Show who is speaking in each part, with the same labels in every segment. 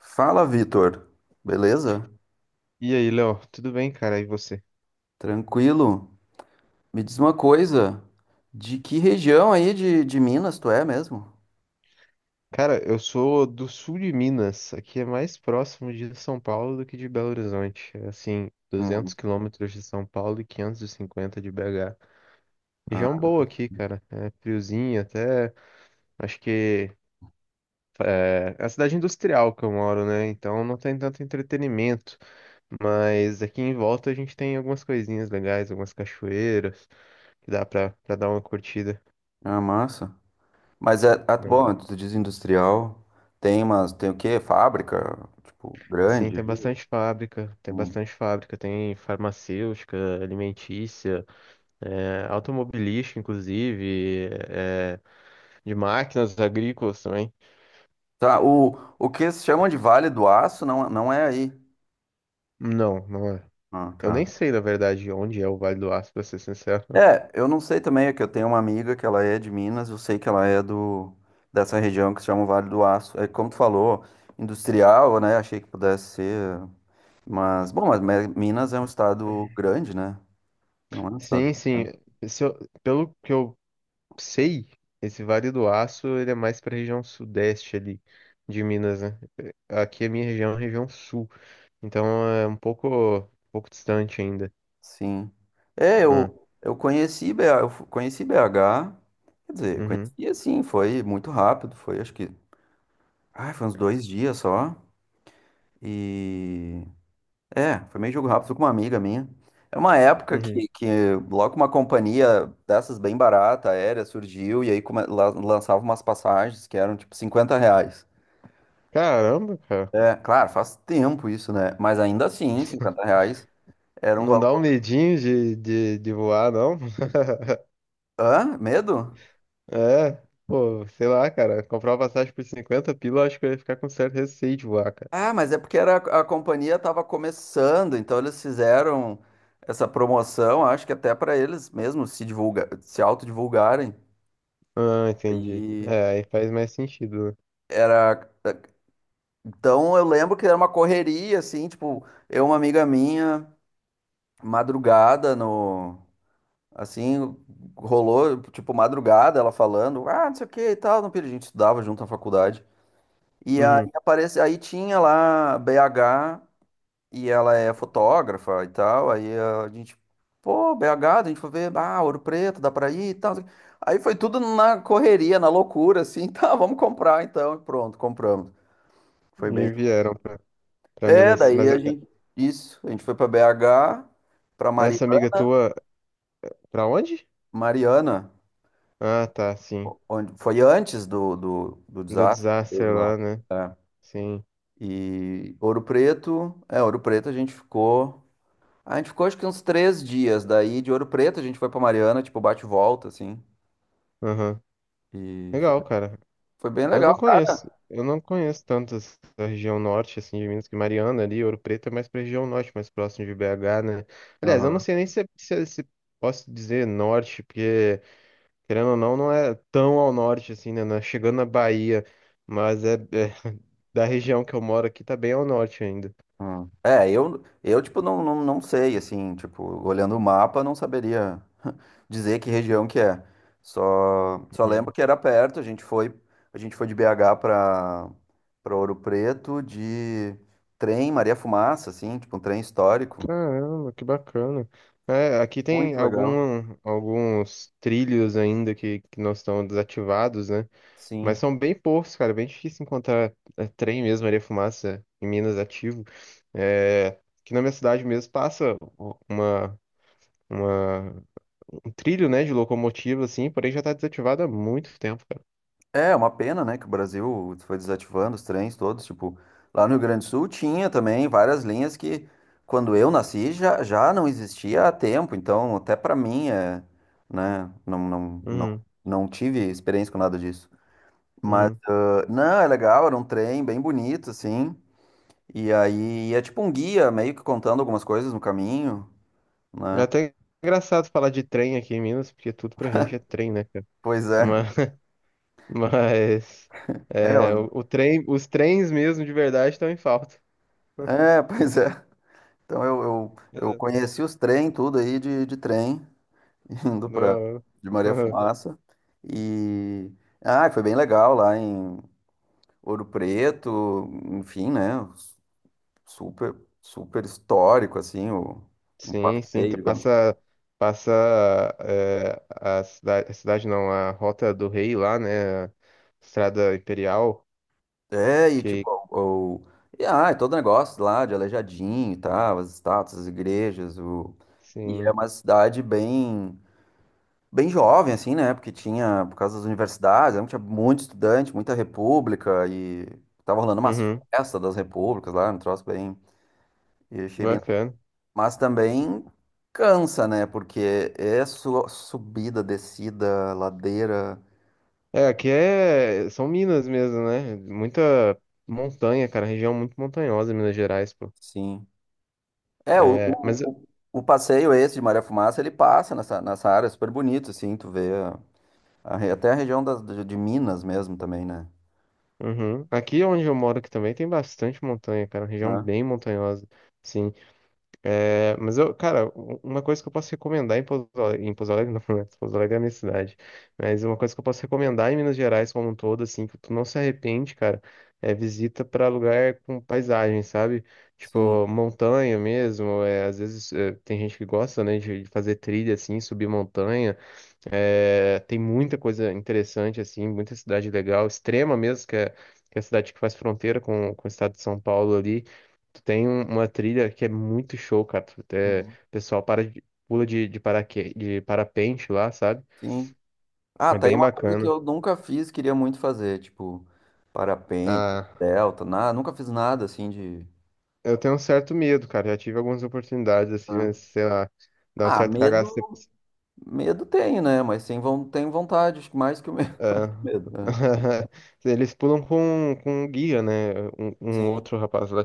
Speaker 1: Fala, Vitor. Beleza?
Speaker 2: E aí, Léo, tudo bem, cara? E você?
Speaker 1: Tranquilo? Me diz uma coisa, de que região aí de Minas tu é mesmo?
Speaker 2: Cara, eu sou do sul de Minas. Aqui é mais próximo de São Paulo do que de Belo Horizonte. É assim, 200
Speaker 1: Hum,
Speaker 2: quilômetros de São Paulo e 550 de BH. Região
Speaker 1: ah,
Speaker 2: boa aqui, cara. É friozinho, até acho que é a cidade industrial que eu moro, né? Então não tem tanto entretenimento. Mas aqui em volta a gente tem algumas coisinhas legais, algumas cachoeiras que dá pra dar uma curtida.
Speaker 1: Massa. Mas é,
Speaker 2: Né?
Speaker 1: bom, tu diz industrial, tem o quê? Fábrica, tipo,
Speaker 2: Sim,
Speaker 1: grande
Speaker 2: tem
Speaker 1: aí?
Speaker 2: bastante fábrica, tem
Speaker 1: Hum.
Speaker 2: bastante fábrica, tem farmacêutica, alimentícia, automobilística, inclusive, de máquinas agrícolas também.
Speaker 1: Tá, o que se chamam de Vale do Aço não, não é aí.
Speaker 2: Não, não é.
Speaker 1: Ah,
Speaker 2: Eu nem
Speaker 1: tá.
Speaker 2: sei, na verdade, onde é o Vale do Aço, pra ser sincero.
Speaker 1: É, eu não sei também, é que eu tenho uma amiga que ela é de Minas, eu sei que ela é do dessa região que se chama Vale do Aço. É como tu falou, industrial, né? Achei que pudesse ser, mas bom, mas Minas é um estado grande, né? Não é um estado.
Speaker 2: Sim, sim. Se eu- Pelo que eu sei, esse Vale do Aço, ele é mais para a região sudeste ali de Minas, né? Aqui a minha região é a região sul, então é um pouco distante ainda,
Speaker 1: Sim. É,
Speaker 2: né?
Speaker 1: eu conheci BH, quer dizer,
Speaker 2: Uhum,
Speaker 1: conheci assim, foi muito rápido, foi acho que, foi uns 2 dias só. E É, foi meio jogo rápido, fui com uma amiga minha. É uma época que,
Speaker 2: uhum.
Speaker 1: que logo uma companhia dessas bem barata, aérea, surgiu e aí lançava umas passagens que eram tipo R$ 50.
Speaker 2: Caramba, cara.
Speaker 1: É, claro, faz tempo isso, né? Mas ainda assim, R$ 50 era um
Speaker 2: Não dá um
Speaker 1: valor.
Speaker 2: medinho de, de voar, não?
Speaker 1: Hã? Medo?
Speaker 2: É, pô, sei lá, cara. Comprar uma passagem por 50, pila, eu acho que eu ia ficar com certo receio de voar, cara.
Speaker 1: Ah, mas é porque era, a companhia estava começando, então eles fizeram essa promoção, acho que até para eles mesmos se autodivulgarem.
Speaker 2: Ah, entendi.
Speaker 1: E
Speaker 2: É, aí faz mais sentido, né?
Speaker 1: era. Então eu lembro que era uma correria, assim, tipo, eu e uma amiga minha, madrugada no. Assim, rolou, tipo, madrugada, ela falando, não sei o que e tal, não perdi, a gente estudava junto na faculdade. E aí
Speaker 2: Uhum.
Speaker 1: aparece, aí tinha lá BH e ela é fotógrafa e tal, aí a gente, pô, BH, a gente foi ver, Ouro Preto, dá pra ir e tal. Aí foi tudo na correria, na loucura, assim, tá, vamos comprar então, e pronto, compramos. Foi
Speaker 2: E
Speaker 1: bem.
Speaker 2: vieram pra
Speaker 1: É, uhum.
Speaker 2: Minas.
Speaker 1: Daí
Speaker 2: Mas
Speaker 1: a gente. Isso, a gente foi para BH, para
Speaker 2: essa amiga tua, pra onde?
Speaker 1: Mariana,
Speaker 2: Ah, tá, sim.
Speaker 1: onde foi antes do
Speaker 2: Do
Speaker 1: desastre que
Speaker 2: desastre
Speaker 1: teve lá.
Speaker 2: lá, né?
Speaker 1: É.
Speaker 2: Sim.
Speaker 1: E Ouro Preto, Ouro Preto a gente ficou. A gente ficou acho que uns 3 dias. Daí de Ouro Preto a gente foi para Mariana, tipo, bate e volta, assim.
Speaker 2: Aham.
Speaker 1: E foi,
Speaker 2: Legal, cara.
Speaker 1: foi bem legal, cara.
Speaker 2: Eu não conheço tanto essa região norte, assim, de Minas, que Mariana ali, Ouro Preto é mais pra região norte, mais próximo de BH, né? Aliás, eu não sei nem se posso dizer norte, porque, querendo ou não, não é tão ao norte, assim, né? Não é chegando na Bahia, mas é da região que eu moro aqui, tá bem ao norte ainda.
Speaker 1: Hum. É, eu tipo, não sei, assim, tipo, olhando o mapa, não saberia dizer que região que é. Só
Speaker 2: Uhum.
Speaker 1: lembro que era perto, a gente foi de BH para Ouro Preto de trem Maria Fumaça, assim, tipo, um trem histórico.
Speaker 2: Caramba, que bacana. É, aqui tem
Speaker 1: Muito legal.
Speaker 2: algum, alguns trilhos ainda que não estão desativados, né? Mas
Speaker 1: Sim.
Speaker 2: são bem poucos, cara. Bem difícil encontrar é, trem mesmo, areia fumaça em Minas ativo. É, aqui na minha cidade mesmo passa uma, uma- um trilho, né, de locomotiva, assim, porém já tá desativado há muito tempo, cara.
Speaker 1: É uma pena, né, que o Brasil foi desativando os trens todos, tipo, lá no Rio Grande do Sul tinha também várias linhas que quando eu nasci já não existia há tempo, então até pra mim é, né,
Speaker 2: Uhum,
Speaker 1: não tive experiência com nada disso. Mas
Speaker 2: uhum.
Speaker 1: não, é legal, era um trem bem bonito assim. E aí é tipo um guia meio que contando algumas coisas no caminho,
Speaker 2: É
Speaker 1: né?
Speaker 2: até engraçado falar de trem aqui em Minas, porque tudo pra gente é trem, né, cara?
Speaker 1: Pois é.
Speaker 2: Mas, mas
Speaker 1: É,
Speaker 2: é, o, o trem, os trens mesmo de verdade estão em falta.
Speaker 1: é, pois é. Então eu
Speaker 2: Exato.
Speaker 1: conheci os trem tudo aí de trem. indo para de Maria
Speaker 2: Não.
Speaker 1: Fumaça e foi bem legal lá em Ouro Preto, enfim, né? Super, super histórico assim, um
Speaker 2: Sim, sim,
Speaker 1: passeio,
Speaker 2: tu
Speaker 1: digamos.
Speaker 2: passa eh, a cidade não, a Rota do Rei lá, né? A Estrada Imperial,
Speaker 1: É, e
Speaker 2: que
Speaker 1: tipo, e, é todo negócio lá de Aleijadinho e tal, as estátuas, as igrejas, o... E é
Speaker 2: sim.
Speaker 1: uma cidade bem bem jovem, assim, né? Porque tinha, por causa das universidades, né, tinha muito estudante, muita república, e tava rolando umas
Speaker 2: Uhum,
Speaker 1: festas das repúblicas lá, um troço bem. E eu achei bem.
Speaker 2: bacana.
Speaker 1: Mas também cansa, né? Porque é subida, descida, ladeira,
Speaker 2: É, aqui é são Minas mesmo, né? Muita montanha, cara, região muito montanhosa, Minas Gerais, pô.
Speaker 1: sim. É, o,
Speaker 2: É, mas
Speaker 1: o, o o passeio esse de Maria Fumaça, ele passa nessa área super bonito, assim, tu vê até a região de Minas mesmo também, né?
Speaker 2: uhum, aqui onde eu moro aqui também tem bastante montanha, cara, região
Speaker 1: É,
Speaker 2: bem montanhosa. Sim, é, mas eu, cara, uma coisa que eu posso recomendar em Pouso Alegre não, né? Pouso Alegre é a minha cidade, mas uma coisa que eu posso recomendar em Minas Gerais como um todo, assim, que tu não se arrepende, cara, é visita pra lugar com paisagem, sabe?
Speaker 1: sim.
Speaker 2: Tipo, montanha mesmo, é, às vezes é, tem gente que gosta, né, de fazer trilha, assim, subir montanha, é, tem muita coisa interessante, assim, muita cidade legal, Extrema mesmo, que é a cidade que faz fronteira com o estado de São Paulo ali. Tu tem uma trilha que é muito show, cara. Tu, até-
Speaker 1: Uhum.
Speaker 2: o pessoal para de- pula de, paraque, de parapente lá, sabe?
Speaker 1: Sim. Ah,
Speaker 2: É
Speaker 1: tá aí
Speaker 2: bem
Speaker 1: uma coisa que
Speaker 2: bacana.
Speaker 1: eu nunca fiz, queria muito fazer, tipo, parapente,
Speaker 2: Ah,
Speaker 1: delta, nada, nunca fiz nada assim de.
Speaker 2: eu tenho um certo medo, cara. Já tive algumas oportunidades, assim,
Speaker 1: Ah,
Speaker 2: mas, sei lá, dá um certo cagaço. Você-
Speaker 1: Medo, medo tem, né? Mas sem von, tem vontade, acho que mais que o medo.
Speaker 2: ah,
Speaker 1: Medo, né?
Speaker 2: eles pulam com um guia, né? Um
Speaker 1: Sim,
Speaker 2: outro rapaz lá.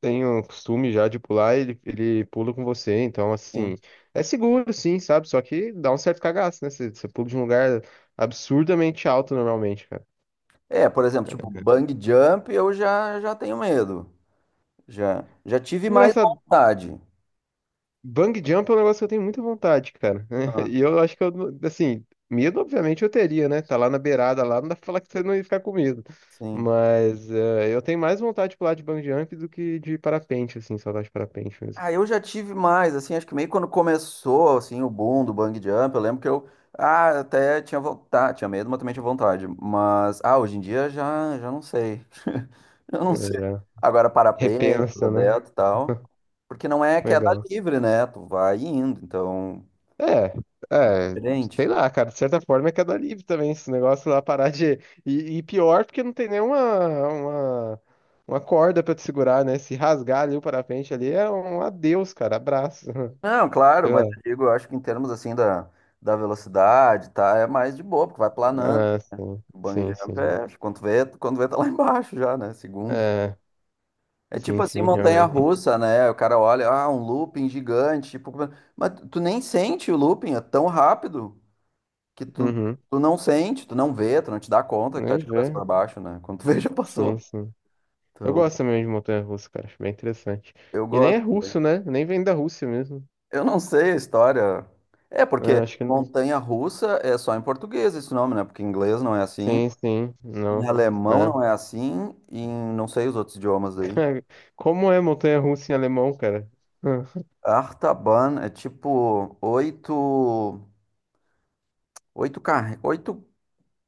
Speaker 2: Tem o costume já de pular, ele pula com você, então assim,
Speaker 1: sim.
Speaker 2: é seguro sim, sabe? Só que dá um certo cagaço, né? Você pula de um lugar absurdamente alto normalmente, cara.
Speaker 1: É, por exemplo, tipo, bang jump eu já tenho medo. Já tive mais
Speaker 2: Engraçado,
Speaker 1: vontade.
Speaker 2: bang jump é um negócio que eu tenho muita vontade, cara.
Speaker 1: Ah,
Speaker 2: E eu acho que eu, não- assim, medo obviamente eu teria, né? Tá lá na beirada lá, não dá pra falar que você não ia ficar com medo.
Speaker 1: sim.
Speaker 2: Mas eu tenho mais vontade de pular de bang jump do que de parapente, assim, só de parapente mesmo.
Speaker 1: Ah, eu já tive mais, assim, acho que meio quando começou, assim, o boom do bang jump, eu lembro que eu, até tinha vontade, tinha medo, mas também tinha vontade, mas, hoje em dia já não sei, eu não
Speaker 2: É,
Speaker 1: sei.
Speaker 2: já.
Speaker 1: Agora parapente,
Speaker 2: Repensa, né?
Speaker 1: aberto e tal, porque não é queda
Speaker 2: Legal.
Speaker 1: livre, né, tu vai indo, então,
Speaker 2: É, é,
Speaker 1: diferente.
Speaker 2: sei lá, cara, de certa forma é queda livre também, esse negócio lá parar de. E pior porque não tem nenhuma uma, uma corda pra te segurar, né? Se rasgar ali o parapente ali é um adeus, cara, abraço.
Speaker 1: Não, claro,
Speaker 2: Sei
Speaker 1: mas
Speaker 2: lá.
Speaker 1: eu digo, eu acho que em termos, assim, da velocidade, tá, é mais de boa, porque vai planando,
Speaker 2: Ah,
Speaker 1: o bang
Speaker 2: sim, sim,
Speaker 1: jump
Speaker 2: sim.
Speaker 1: é, quando vê tá lá embaixo já, né, segundo.
Speaker 2: É,
Speaker 1: É tipo
Speaker 2: sim,
Speaker 1: assim,
Speaker 2: sim, realmente.
Speaker 1: montanha-russa, né? O cara olha, um looping gigante, tipo, mas tu nem sente o looping, é tão rápido que tu,
Speaker 2: Uhum,
Speaker 1: tu não sente, tu não vê, tu não te dá conta que tá
Speaker 2: nem
Speaker 1: de cabeça pra
Speaker 2: ver.
Speaker 1: baixo, né? Quando tu vê, já
Speaker 2: Sim,
Speaker 1: passou.
Speaker 2: sim. Eu
Speaker 1: Então,
Speaker 2: gosto também de montanha russa, cara, acho bem interessante.
Speaker 1: eu
Speaker 2: E nem é
Speaker 1: gosto
Speaker 2: russo,
Speaker 1: também.
Speaker 2: né? Nem vem da Rússia mesmo.
Speaker 1: Eu não sei a história. É, porque
Speaker 2: Ah, acho que não.
Speaker 1: montanha-russa é só em português esse nome, né? Porque em inglês não é assim,
Speaker 2: Sim, sim,
Speaker 1: em
Speaker 2: não.
Speaker 1: alemão
Speaker 2: Né?
Speaker 1: não é assim, e em não sei os outros idiomas aí.
Speaker 2: Cara, como é montanha-russa em alemão, cara?
Speaker 1: Artaban é tipo oito, oito.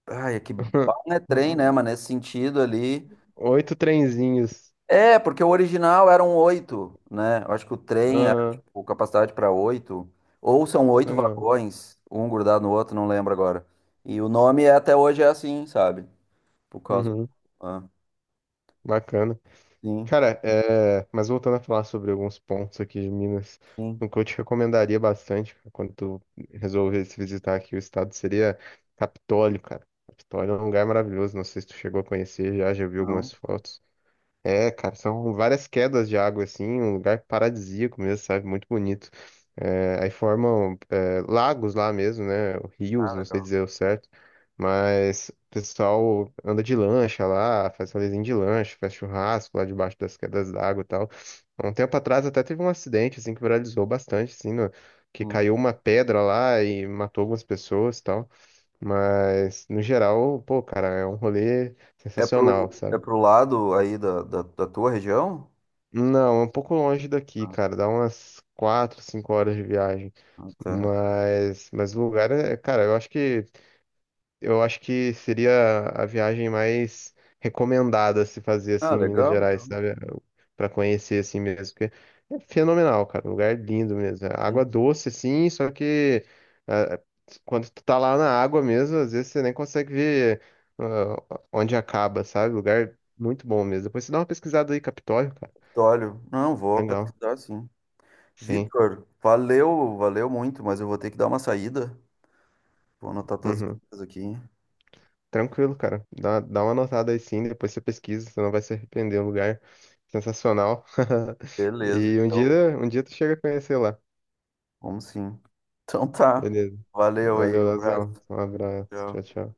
Speaker 1: Ai, é que bala não é trem, né? Mas nesse sentido ali.
Speaker 2: Oito trenzinhos.
Speaker 1: É, porque o original eram oito, né? Eu acho que o trem era
Speaker 2: Aham,
Speaker 1: tipo, capacidade para oito. Ou são oito
Speaker 2: legal.
Speaker 1: vagões, um grudado no outro, não lembro agora. E o nome até hoje é assim, sabe? Por causa.
Speaker 2: Uhum,
Speaker 1: Ah,
Speaker 2: bacana.
Speaker 1: sim,
Speaker 2: Cara, é, mas voltando a falar sobre alguns pontos aqui de Minas,
Speaker 1: sim.
Speaker 2: o que eu te recomendaria bastante cara, quando tu resolvesse visitar aqui o estado seria Capitólio, cara. Capitólio é um lugar maravilhoso, não sei se tu chegou a conhecer já, já vi
Speaker 1: Não.
Speaker 2: algumas fotos. É, cara, são várias quedas de água, assim, um lugar paradisíaco mesmo, sabe? Muito bonito. É, aí formam, é, lagos lá mesmo, né? Rios,
Speaker 1: Ah,
Speaker 2: não sei
Speaker 1: legal.
Speaker 2: dizer o certo. Mas o pessoal anda de lancha lá, faz rolezinho de lancha, faz churrasco lá debaixo das quedas d'água e tal. Há um tempo atrás até teve um acidente, assim, que viralizou bastante, assim, no- que
Speaker 1: Hum.
Speaker 2: caiu uma pedra lá e matou algumas pessoas e tal. Mas, no geral, pô, cara, é um rolê
Speaker 1: É
Speaker 2: sensacional,
Speaker 1: pro, é
Speaker 2: sabe?
Speaker 1: pro lado aí da tua região?
Speaker 2: Não, é um pouco longe daqui,
Speaker 1: Ah,
Speaker 2: cara. Dá umas 4, 5 horas de viagem.
Speaker 1: tá.
Speaker 2: Mas o lugar é, cara, eu acho que seria a viagem mais recomendada a se fazer assim
Speaker 1: Ah,
Speaker 2: em Minas
Speaker 1: legal,
Speaker 2: Gerais,
Speaker 1: então.
Speaker 2: sabe? Pra conhecer assim mesmo, porque é fenomenal, cara. Um lugar é lindo mesmo. É água
Speaker 1: Sim.
Speaker 2: doce assim, só que ah, quando tu tá lá na água mesmo, às vezes você nem consegue ver ah, onde acaba, sabe? Lugar é muito bom mesmo. Depois você dá uma pesquisada aí, Capitólio, cara.
Speaker 1: Olha, não, vou
Speaker 2: Legal.
Speaker 1: pesquisar sim.
Speaker 2: Sim.
Speaker 1: Vitor, valeu, valeu muito, mas eu vou ter que dar uma saída. Vou anotar tuas
Speaker 2: Uhum.
Speaker 1: dicas aqui.
Speaker 2: Tranquilo, cara. Dá uma notada aí sim, depois você pesquisa, você não vai se arrepender. É um lugar sensacional.
Speaker 1: Beleza,
Speaker 2: E
Speaker 1: então.
Speaker 2: um dia tu chega a conhecer lá.
Speaker 1: Vamos sim. Então tá.
Speaker 2: Beleza.
Speaker 1: Valeu
Speaker 2: Valeu,
Speaker 1: aí, um abraço.
Speaker 2: Lazão. Um abraço. Tchau,
Speaker 1: Tchau.
Speaker 2: tchau.